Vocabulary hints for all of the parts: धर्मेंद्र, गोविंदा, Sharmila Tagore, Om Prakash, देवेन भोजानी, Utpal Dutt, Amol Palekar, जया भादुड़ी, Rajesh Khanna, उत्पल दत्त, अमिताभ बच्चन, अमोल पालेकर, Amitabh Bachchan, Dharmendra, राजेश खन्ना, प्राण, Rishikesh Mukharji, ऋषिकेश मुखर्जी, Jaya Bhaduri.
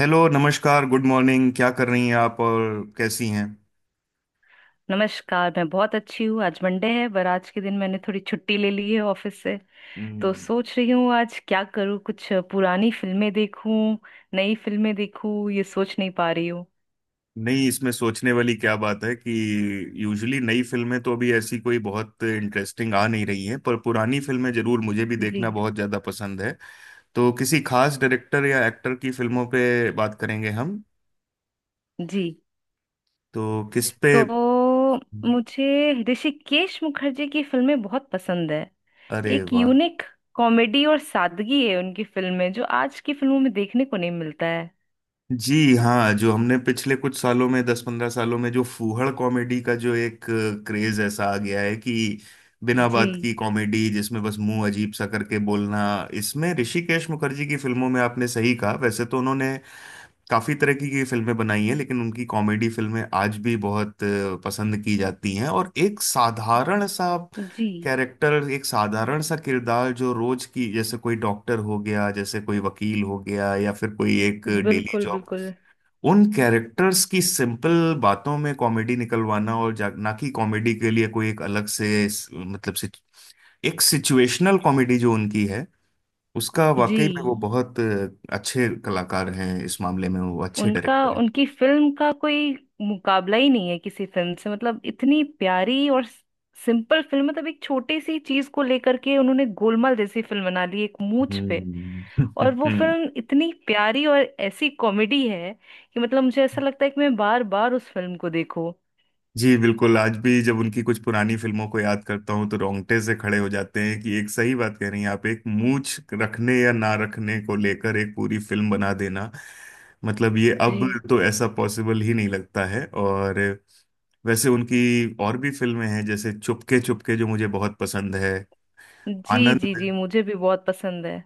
Hello, नमस्कार, good morning. क्या कर रही हैं आप, और कैसी हैं? नमस्कार, मैं बहुत अच्छी हूँ। आज मंडे है पर आज के दिन मैंने थोड़ी छुट्टी ले ली है ऑफिस से। तो हम्म। सोच रही हूँ आज क्या करूँ, कुछ पुरानी फिल्में देखूँ, नई फिल्में देखूँ, ये सोच नहीं पा रही हूँ। नहीं, इसमें सोचने वाली क्या बात है कि यूजुअली नई फिल्में तो अभी ऐसी कोई बहुत इंटरेस्टिंग आ नहीं रही हैं, पर पुरानी फिल्में जरूर मुझे भी जी। देखना बहुत ज़्यादा पसंद है। तो किसी खास डायरेक्टर या एक्टर की फिल्मों पे बात करेंगे हम? जी। तो किस पे? तो मुझे ऋषिकेश मुखर्जी की फिल्में बहुत पसंद है। अरे एक वाह। यूनिक कॉमेडी और सादगी है उनकी फिल्म में, जो आज की फिल्मों में देखने को नहीं मिलता है। जी हाँ, जो हमने पिछले कुछ सालों में, 10 15 सालों में जो फूहड़ कॉमेडी का जो एक क्रेज ऐसा आ गया है कि बिना जी। बात की कॉमेडी जिसमें बस मुंह अजीब सा करके बोलना। इसमें ऋषिकेश मुखर्जी की फिल्मों में आपने सही कहा। वैसे तो उन्होंने काफी तरह की फिल्में बनाई हैं, लेकिन उनकी कॉमेडी फिल्में आज भी बहुत पसंद की जाती हैं। और एक साधारण सा जी। कैरेक्टर, एक साधारण सा किरदार जो रोज की, जैसे कोई डॉक्टर हो गया, जैसे कोई वकील हो गया, या फिर कोई एक डेली बिल्कुल जॉब, बिल्कुल। उन कैरेक्टर्स की सिंपल बातों में कॉमेडी निकलवाना। और ना कि कॉमेडी के लिए कोई एक अलग से मतलब से एक सिचुएशनल कॉमेडी जो उनकी है, उसका वाकई में वो जी। बहुत अच्छे कलाकार हैं। इस मामले में वो अच्छे उनका डायरेक्टर हैं। उनकी फिल्म का कोई मुकाबला ही नहीं है किसी फिल्म से। मतलब इतनी प्यारी और सिंपल फिल्म, मतलब एक छोटी सी चीज को लेकर के उन्होंने गोलमाल जैसी फिल्म बना ली एक मूंछ पे। और वो हम्म। फिल्म इतनी प्यारी और ऐसी कॉमेडी है कि मतलब मुझे ऐसा लगता है कि मैं बार बार उस फिल्म को देखूं। जी, बिल्कुल। आज भी जब उनकी कुछ पुरानी फिल्मों को याद करता हूँ तो रोंगटे से खड़े हो जाते हैं कि एक सही बात कह रही हैं आप। एक मूंछ रखने या ना रखने को लेकर एक पूरी फिल्म बना देना, मतलब ये जी। अब तो ऐसा पॉसिबल ही नहीं लगता है। और वैसे उनकी और भी फिल्में हैं जैसे चुपके चुपके, जो मुझे बहुत पसंद है। जी जी। जी आनंद, मुझे भी बहुत पसंद है।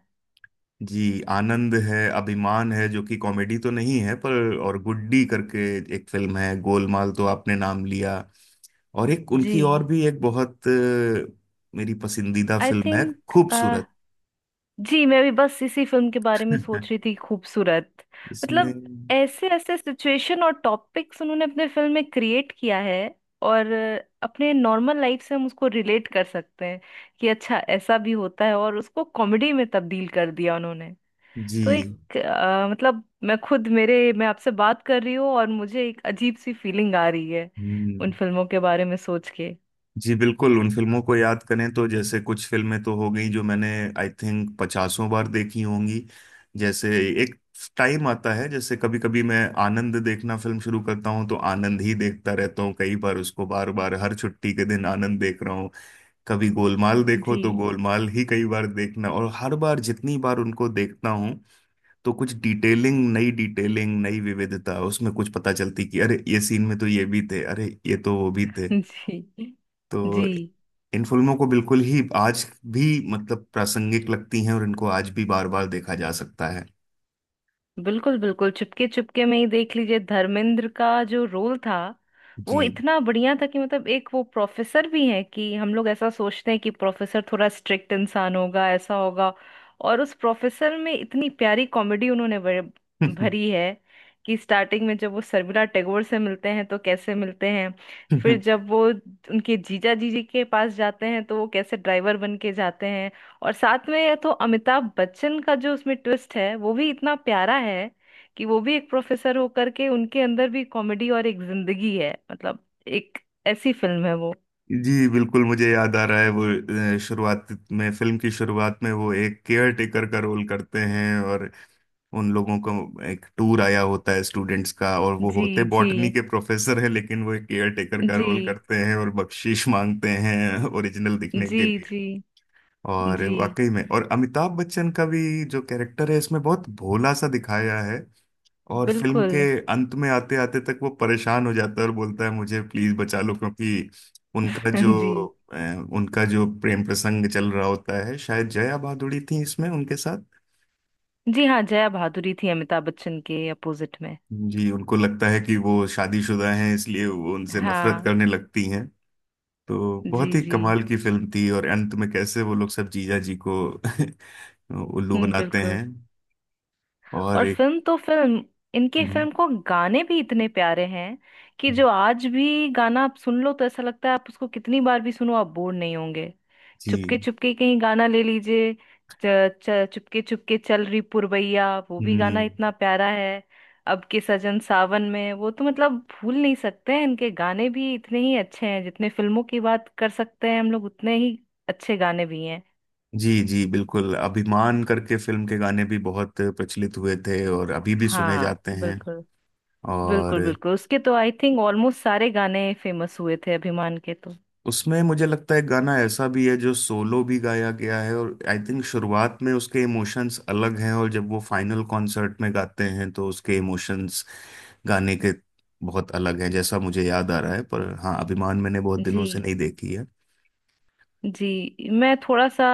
जी, आनंद है, अभिमान है जो कि कॉमेडी तो नहीं है, पर, और गुड्डी करके एक फिल्म है। गोलमाल तो आपने नाम लिया। और एक जी। उनकी और भी एक बहुत मेरी पसंदीदा आई फिल्म है, थिंक, खूबसूरत। जी, मैं भी बस इसी फिल्म के बारे में सोच रही थी, खूबसूरत। मतलब इसमें ऐसे ऐसे सिचुएशन और टॉपिक्स उन्होंने अपने फिल्म में क्रिएट किया है, और अपने नॉर्मल लाइफ से हम उसको रिलेट कर सकते हैं कि अच्छा ऐसा भी होता है, और उसको कॉमेडी में तब्दील कर दिया उन्होंने। तो जी। एक मतलब मैं खुद मेरे मैं आपसे बात कर रही हूँ और मुझे एक अजीब सी फीलिंग आ रही है हम्म। उन फिल्मों के बारे में सोच के। जी, बिल्कुल। उन फिल्मों को याद करें तो जैसे कुछ फिल्में तो हो गई जो मैंने आई थिंक पचासों बार देखी होंगी। जैसे एक टाइम आता है, जैसे कभी कभी मैं आनंद देखना फिल्म शुरू करता हूँ तो आनंद ही देखता रहता हूँ। कई बार उसको बार बार हर छुट्टी के दिन आनंद देख रहा हूँ। कभी गोलमाल देखो जी। तो गोलमाल ही कई बार देखना। और हर बार जितनी बार उनको देखता हूँ तो कुछ डिटेलिंग नई, डिटेलिंग नई विविधता उसमें कुछ पता चलती कि अरे ये सीन में तो ये भी थे, अरे ये तो वो भी थे। जी। जी तो इन फिल्मों को बिल्कुल ही आज भी मतलब प्रासंगिक लगती हैं और इनको आज भी बार बार देखा जा सकता है। बिल्कुल बिल्कुल। चुपके चुपके में ही देख लीजिए, धर्मेंद्र का जो रोल था जी। वो इतना बढ़िया था कि मतलब एक वो प्रोफेसर भी है, कि हम लोग ऐसा सोचते हैं कि प्रोफेसर थोड़ा स्ट्रिक्ट इंसान होगा, ऐसा होगा, और उस प्रोफेसर में इतनी प्यारी कॉमेडी उन्होंने भरी है। कि स्टार्टिंग में जब वो शर्मिला टैगोर से मिलते हैं तो कैसे मिलते हैं। फिर जब वो उनके जीजा जीजी के पास जाते हैं तो वो कैसे ड्राइवर बन के जाते हैं। और साथ में ये तो अमिताभ बच्चन का जो उसमें ट्विस्ट है वो भी इतना प्यारा है, कि वो भी एक प्रोफेसर होकर के उनके अंदर भी कॉमेडी और एक जिंदगी है। मतलब एक ऐसी फिल्म है वो। जी, बिल्कुल, मुझे याद आ रहा है वो शुरुआत में, फिल्म की शुरुआत में वो एक केयर टेकर का रोल करते हैं और उन लोगों का एक टूर आया होता है स्टूडेंट्स का, और वो जी होते जी बॉटनी के प्रोफेसर हैं लेकिन वो एक केयर टेकर का जी रोल करते हैं और बख्शीश मांगते हैं ओरिजिनल दिखने जी के लिए। जी। और जी वाकई में, और अमिताभ बच्चन का भी जो कैरेक्टर है इसमें, बहुत भोला सा दिखाया है। और फिल्म बिल्कुल। के अंत में आते आते तक वो परेशान हो जाता है और बोलता है मुझे प्लीज बचा लो, क्योंकि उनका जो जी। अ, उनका जो प्रेम प्रसंग चल रहा होता है, शायद जया भादुड़ी थी इसमें उनके साथ। जी हाँ, जया भादुरी थी अमिताभ बच्चन के अपोजिट में। जी, उनको लगता है कि वो शादीशुदा हैं इसलिए वो उनसे नफरत हाँ। करने लगती हैं। तो जी। बहुत ही जी। कमाल की फिल्म थी। और अंत में कैसे वो लोग सब जीजा जी को उल्लू बनाते बिल्कुल। हैं। और और एक फिल्म तो फिल्म, इनकी हम्म। फिल्म को गाने भी इतने प्यारे हैं कि हम्म। जो आज भी गाना आप सुन लो तो ऐसा लगता है, आप उसको कितनी बार भी सुनो आप बोर नहीं होंगे। चुपके जी। चुपके कहीं गाना ले लीजिए, च, च, चुपके चुपके चल रही पुरवैया, वो भी गाना हम्म। इतना प्यारा है। अब के सजन सावन में, वो तो मतलब भूल नहीं सकते हैं। इनके गाने भी इतने ही अच्छे हैं जितने फिल्मों की बात कर सकते हैं हम लोग, उतने ही अच्छे गाने भी हैं। जी जी, बिल्कुल, अभिमान करके फिल्म के गाने भी बहुत प्रचलित हुए थे और अभी भी सुने हाँ जाते हैं। बिल्कुल। और बिल्कुल बिल्कुल, उसके तो आई थिंक ऑलमोस्ट सारे गाने फेमस हुए थे अभिमान के तो। उसमें मुझे लगता है गाना ऐसा भी है जो सोलो भी गाया गया है, और आई थिंक शुरुआत में उसके इमोशंस अलग हैं और जब वो फाइनल कॉन्सर्ट में गाते हैं तो उसके इमोशंस, गाने के, बहुत अलग हैं, जैसा मुझे याद आ रहा है। पर हाँ, अभिमान मैंने बहुत जी। दिनों से नहीं देखी है। जी, मैं थोड़ा सा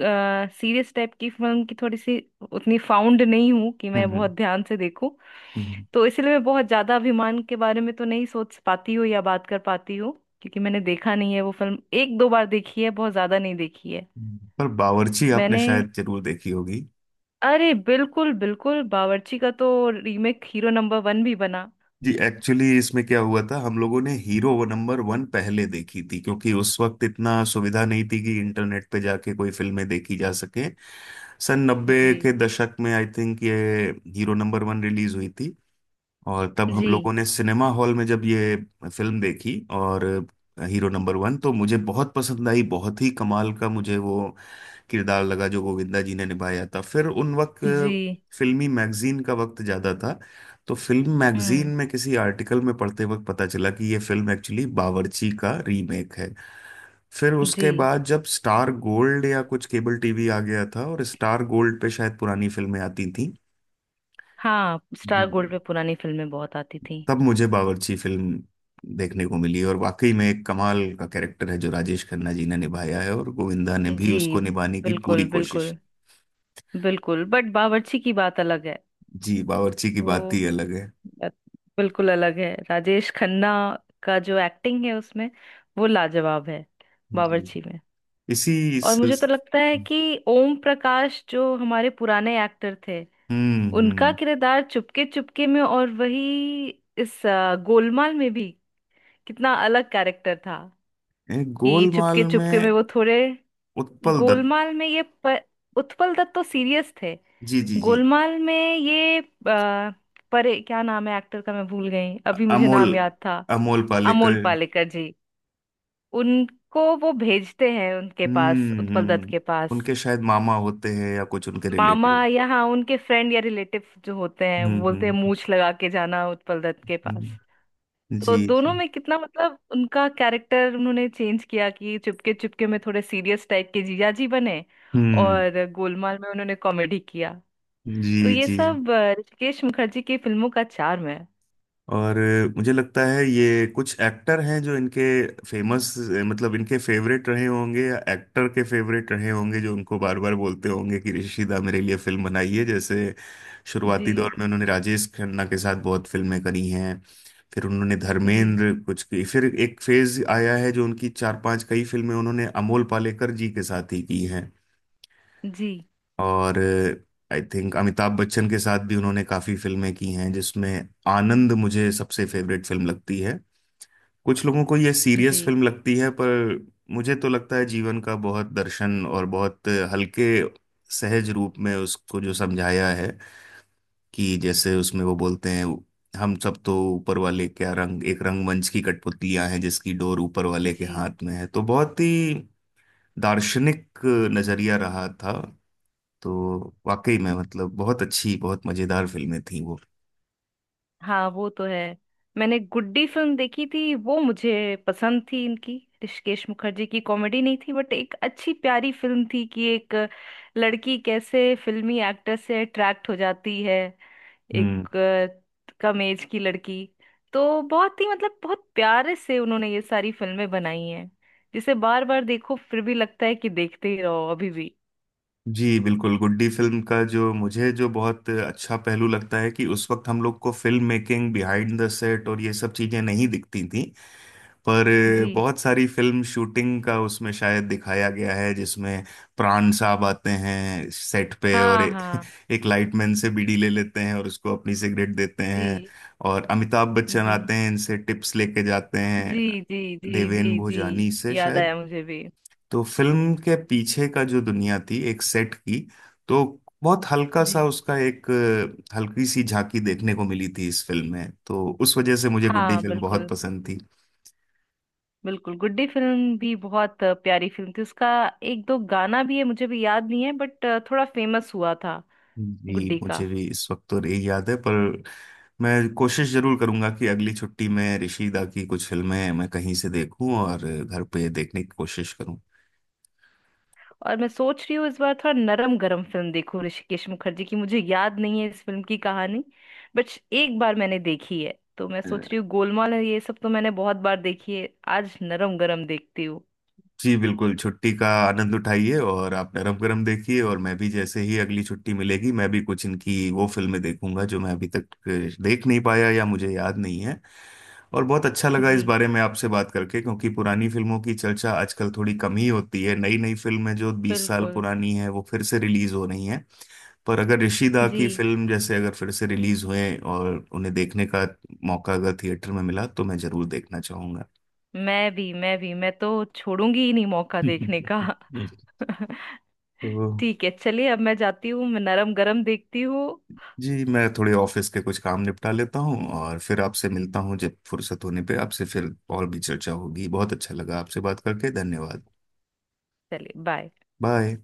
सीरियस टाइप की फिल्म की थोड़ी सी उतनी फाउंड नहीं हूँ कि मैं बहुत हम्म। ध्यान से देखूं। हम्म। तो इसलिए मैं बहुत ज्यादा अभिमान के बारे में तो नहीं सोच पाती हूँ या बात कर पाती हूँ, क्योंकि मैंने देखा नहीं है। वो फिल्म एक दो बार देखी है, बहुत ज्यादा नहीं देखी है। हम्म। पर बावर्ची आपने मैंने शायद जरूर देखी होगी। अरे बिल्कुल बिल्कुल, बावर्ची का तो रीमेक हीरो नंबर वन भी बना। जी, एक्चुअली इसमें क्या हुआ था, हम लोगों ने हीरो वो नंबर वन पहले देखी थी, क्योंकि उस वक्त इतना सुविधा नहीं थी कि इंटरनेट पे जाके कोई फिल्में देखी जा सके। सन नब्बे के जी दशक में आई थिंक ये हीरो नंबर वन रिलीज हुई थी, और तब हम जी लोगों ने सिनेमा हॉल में जब ये फिल्म देखी, और हीरो जी नंबर वन तो मुझे बहुत पसंद आई। बहुत ही कमाल का मुझे वो किरदार लगा जो गोविंदा जी ने निभाया था। फिर उन वक्त जी, फिल्मी मैगजीन का वक्त ज़्यादा था, तो फिल्म मैगजीन हम्म। में किसी आर्टिकल में पढ़ते वक्त पता चला कि ये फिल्म एक्चुअली बावर्ची का रीमेक है। फिर जी उसके बाद जब स्टार गोल्ड या कुछ केबल टीवी आ गया था, और स्टार गोल्ड पे शायद पुरानी फिल्में आती थी। हाँ, जी, स्टार गोल्ड पे पुरानी फिल्में बहुत आती थी। तब मुझे बावर्ची फिल्म देखने को मिली, और वाकई में एक कमाल का कैरेक्टर है जो राजेश खन्ना जी ने निभाया है, और गोविंदा ने भी जी उसको निभाने की पूरी बिल्कुल कोशिश। बिल्कुल। बिल्कुल बट बावर्ची की बात अलग है। जी, बावर्ची की वो बात ही अलग है। बात बिल्कुल अलग है, राजेश खन्ना का जो एक्टिंग है उसमें वो लाजवाब है जी, बावर्ची में। इसी और मुझे तो इस लगता है कि ओम प्रकाश, जो हमारे पुराने एक्टर थे, उनका हम्म। किरदार चुपके चुपके में और वही इस गोलमाल में भी, कितना अलग कैरेक्टर था। कि चुपके गोलमाल चुपके में में वो थोड़े, उत्पल दत्त। गोलमाल में उत्पल दत्त तो सीरियस थे। जी जी जी। गोलमाल में परे क्या नाम है एक्टर का, मैं भूल गई, अभी मुझे अमोल, नाम याद था, अमोल अमोल पालेकर। पालेकर जी। उनको वो भेजते हैं उनके पास, उत्पल दत्त हम्म। के पास। उनके शायद मामा होते हैं या कुछ उनके मामा, रिलेटिव। या हाँ उनके फ्रेंड या रिलेटिव जो होते हैं, बोलते हैं हम्म। मूछ लगा के जाना उत्पल दत्त के पास। हम्म। तो जी दोनों जी। में कितना मतलब उनका कैरेक्टर उन्होंने चेंज किया, कि चुपके चुपके में थोड़े सीरियस टाइप के जीजा जी बने, हम्म। और गोलमाल में उन्होंने कॉमेडी किया। जी तो ये जी। सब ऋषिकेश मुखर्जी की फिल्मों का charm है। और मुझे लगता है ये कुछ एक्टर हैं जो इनके फेमस, मतलब इनके फेवरेट रहे होंगे, या एक्टर के फेवरेट रहे होंगे, जो उनको बार बार बोलते होंगे कि ऋषिदा मेरे लिए फिल्म बनाइए। जैसे जी शुरुआती दौर में उन्होंने राजेश खन्ना के साथ बहुत फिल्में करी हैं, फिर उन्होंने जी धर्मेंद्र कुछ की, फिर एक फेज आया है जो उनकी चार पांच कई फिल्में उन्होंने अमोल पालेकर जी के साथ ही की हैं। जी और आई थिंक अमिताभ बच्चन के साथ भी उन्होंने काफी फिल्में की हैं, जिसमें आनंद मुझे सबसे फेवरेट फिल्म लगती है। कुछ लोगों को ये सीरियस जी फिल्म लगती है, पर मुझे तो लगता है जीवन का बहुत दर्शन और बहुत हल्के सहज रूप में उसको जो समझाया है, कि जैसे उसमें वो बोलते हैं हम सब तो ऊपर वाले क्या, रंग, एक रंगमंच की कठपुतलियां हैं जिसकी डोर ऊपर वाले के जी। हाथ में है। तो बहुत ही दार्शनिक नजरिया रहा था। तो वाकई में मतलब बहुत अच्छी, बहुत मजेदार फिल्में थी वो। हाँ वो तो है। मैंने गुड्डी फिल्म देखी थी, वो मुझे पसंद थी। इनकी, ऋषिकेश मुखर्जी की, कॉमेडी नहीं थी बट एक अच्छी प्यारी फिल्म थी, कि एक लड़की कैसे फिल्मी एक्टर से अट्रैक्ट हो जाती है, हम्म। एक कम एज की लड़की। तो बहुत ही मतलब बहुत प्यारे से उन्होंने ये सारी फिल्में बनाई हैं, जिसे बार बार देखो फिर भी लगता है कि देखते ही रहो अभी भी। जी, बिल्कुल, गुड्डी फिल्म का जो मुझे, जो बहुत अच्छा पहलू लगता है कि उस वक्त हम लोग को film making, behind the set और ये सब चीजें नहीं दिखती थी, पर जी बहुत सारी फिल्म शूटिंग का उसमें शायद दिखाया गया है, जिसमें प्राण साहब आते हैं सेट पे और हाँ हाँ। एक लाइटमैन से बीड़ी ले लेते हैं और उसको अपनी सिगरेट देते हैं। जी और अमिताभ बच्चन जी आते हैं इनसे टिप्स लेके जाते हैं, जी जी जी देवेन जी जी, भोजानी से याद शायद। आया मुझे भी। तो फिल्म के पीछे का जो दुनिया थी एक सेट की, तो बहुत हल्का सा जी उसका एक हल्की सी झांकी देखने को मिली थी इस फिल्म में, तो उस वजह से मुझे गुड्डी हाँ फिल्म बहुत बिल्कुल। पसंद थी। बिल्कुल, गुड्डी फिल्म भी बहुत प्यारी फिल्म थी। उसका एक दो गाना भी है, मुझे भी याद नहीं है बट थोड़ा फेमस हुआ था जी, गुड्डी का। मुझे भी इस वक्त तो नहीं याद है, पर मैं कोशिश जरूर करूंगा कि अगली छुट्टी में ऋषिदा की कुछ फिल्में मैं कहीं से देखूं, और घर पे देखने की कोशिश करूं। और मैं सोच रही हूँ इस बार थोड़ा नरम गरम फिल्म देखूं ऋषिकेश मुखर्जी की। मुझे याद नहीं है इस फिल्म की कहानी बट एक बार मैंने देखी है। तो मैं सोच रही हूँ गोलमाल है, ये सब तो मैंने बहुत बार देखी है, आज नरम गरम देखती हूँ। जी, बिल्कुल, छुट्टी का आनंद उठाइए, और आप नरम गरम देखिए, और मैं भी जैसे ही अगली छुट्टी मिलेगी मैं भी कुछ इनकी वो फिल्में देखूंगा जो मैं अभी तक देख नहीं पाया या मुझे याद नहीं है। और बहुत अच्छा लगा इस जी बारे में आपसे बात करके, क्योंकि पुरानी फिल्मों की चर्चा आजकल थोड़ी कम ही होती है, नई नई फिल्में जो 20 साल बिल्कुल। पुरानी है वो फिर से रिलीज हो रही हैं। पर अगर ऋषिदा जी, की फिल्म जैसे अगर फिर से रिलीज हुए और उन्हें देखने का मौका अगर थिएटर में मिला तो मैं जरूर देखना चाहूंगा। मैं भी मैं तो छोड़ूंगी ही नहीं मौका देखने का। तो ठीक है चलिए, अब मैं जाती हूँ, मैं नरम गरम देखती हूँ। जी, मैं थोड़े ऑफिस के कुछ काम निपटा लेता हूँ और फिर आपसे मिलता हूँ। जब फुर्सत होने पे आपसे फिर और भी चर्चा होगी। बहुत अच्छा लगा आपसे बात करके। धन्यवाद। चलिए बाय। बाय।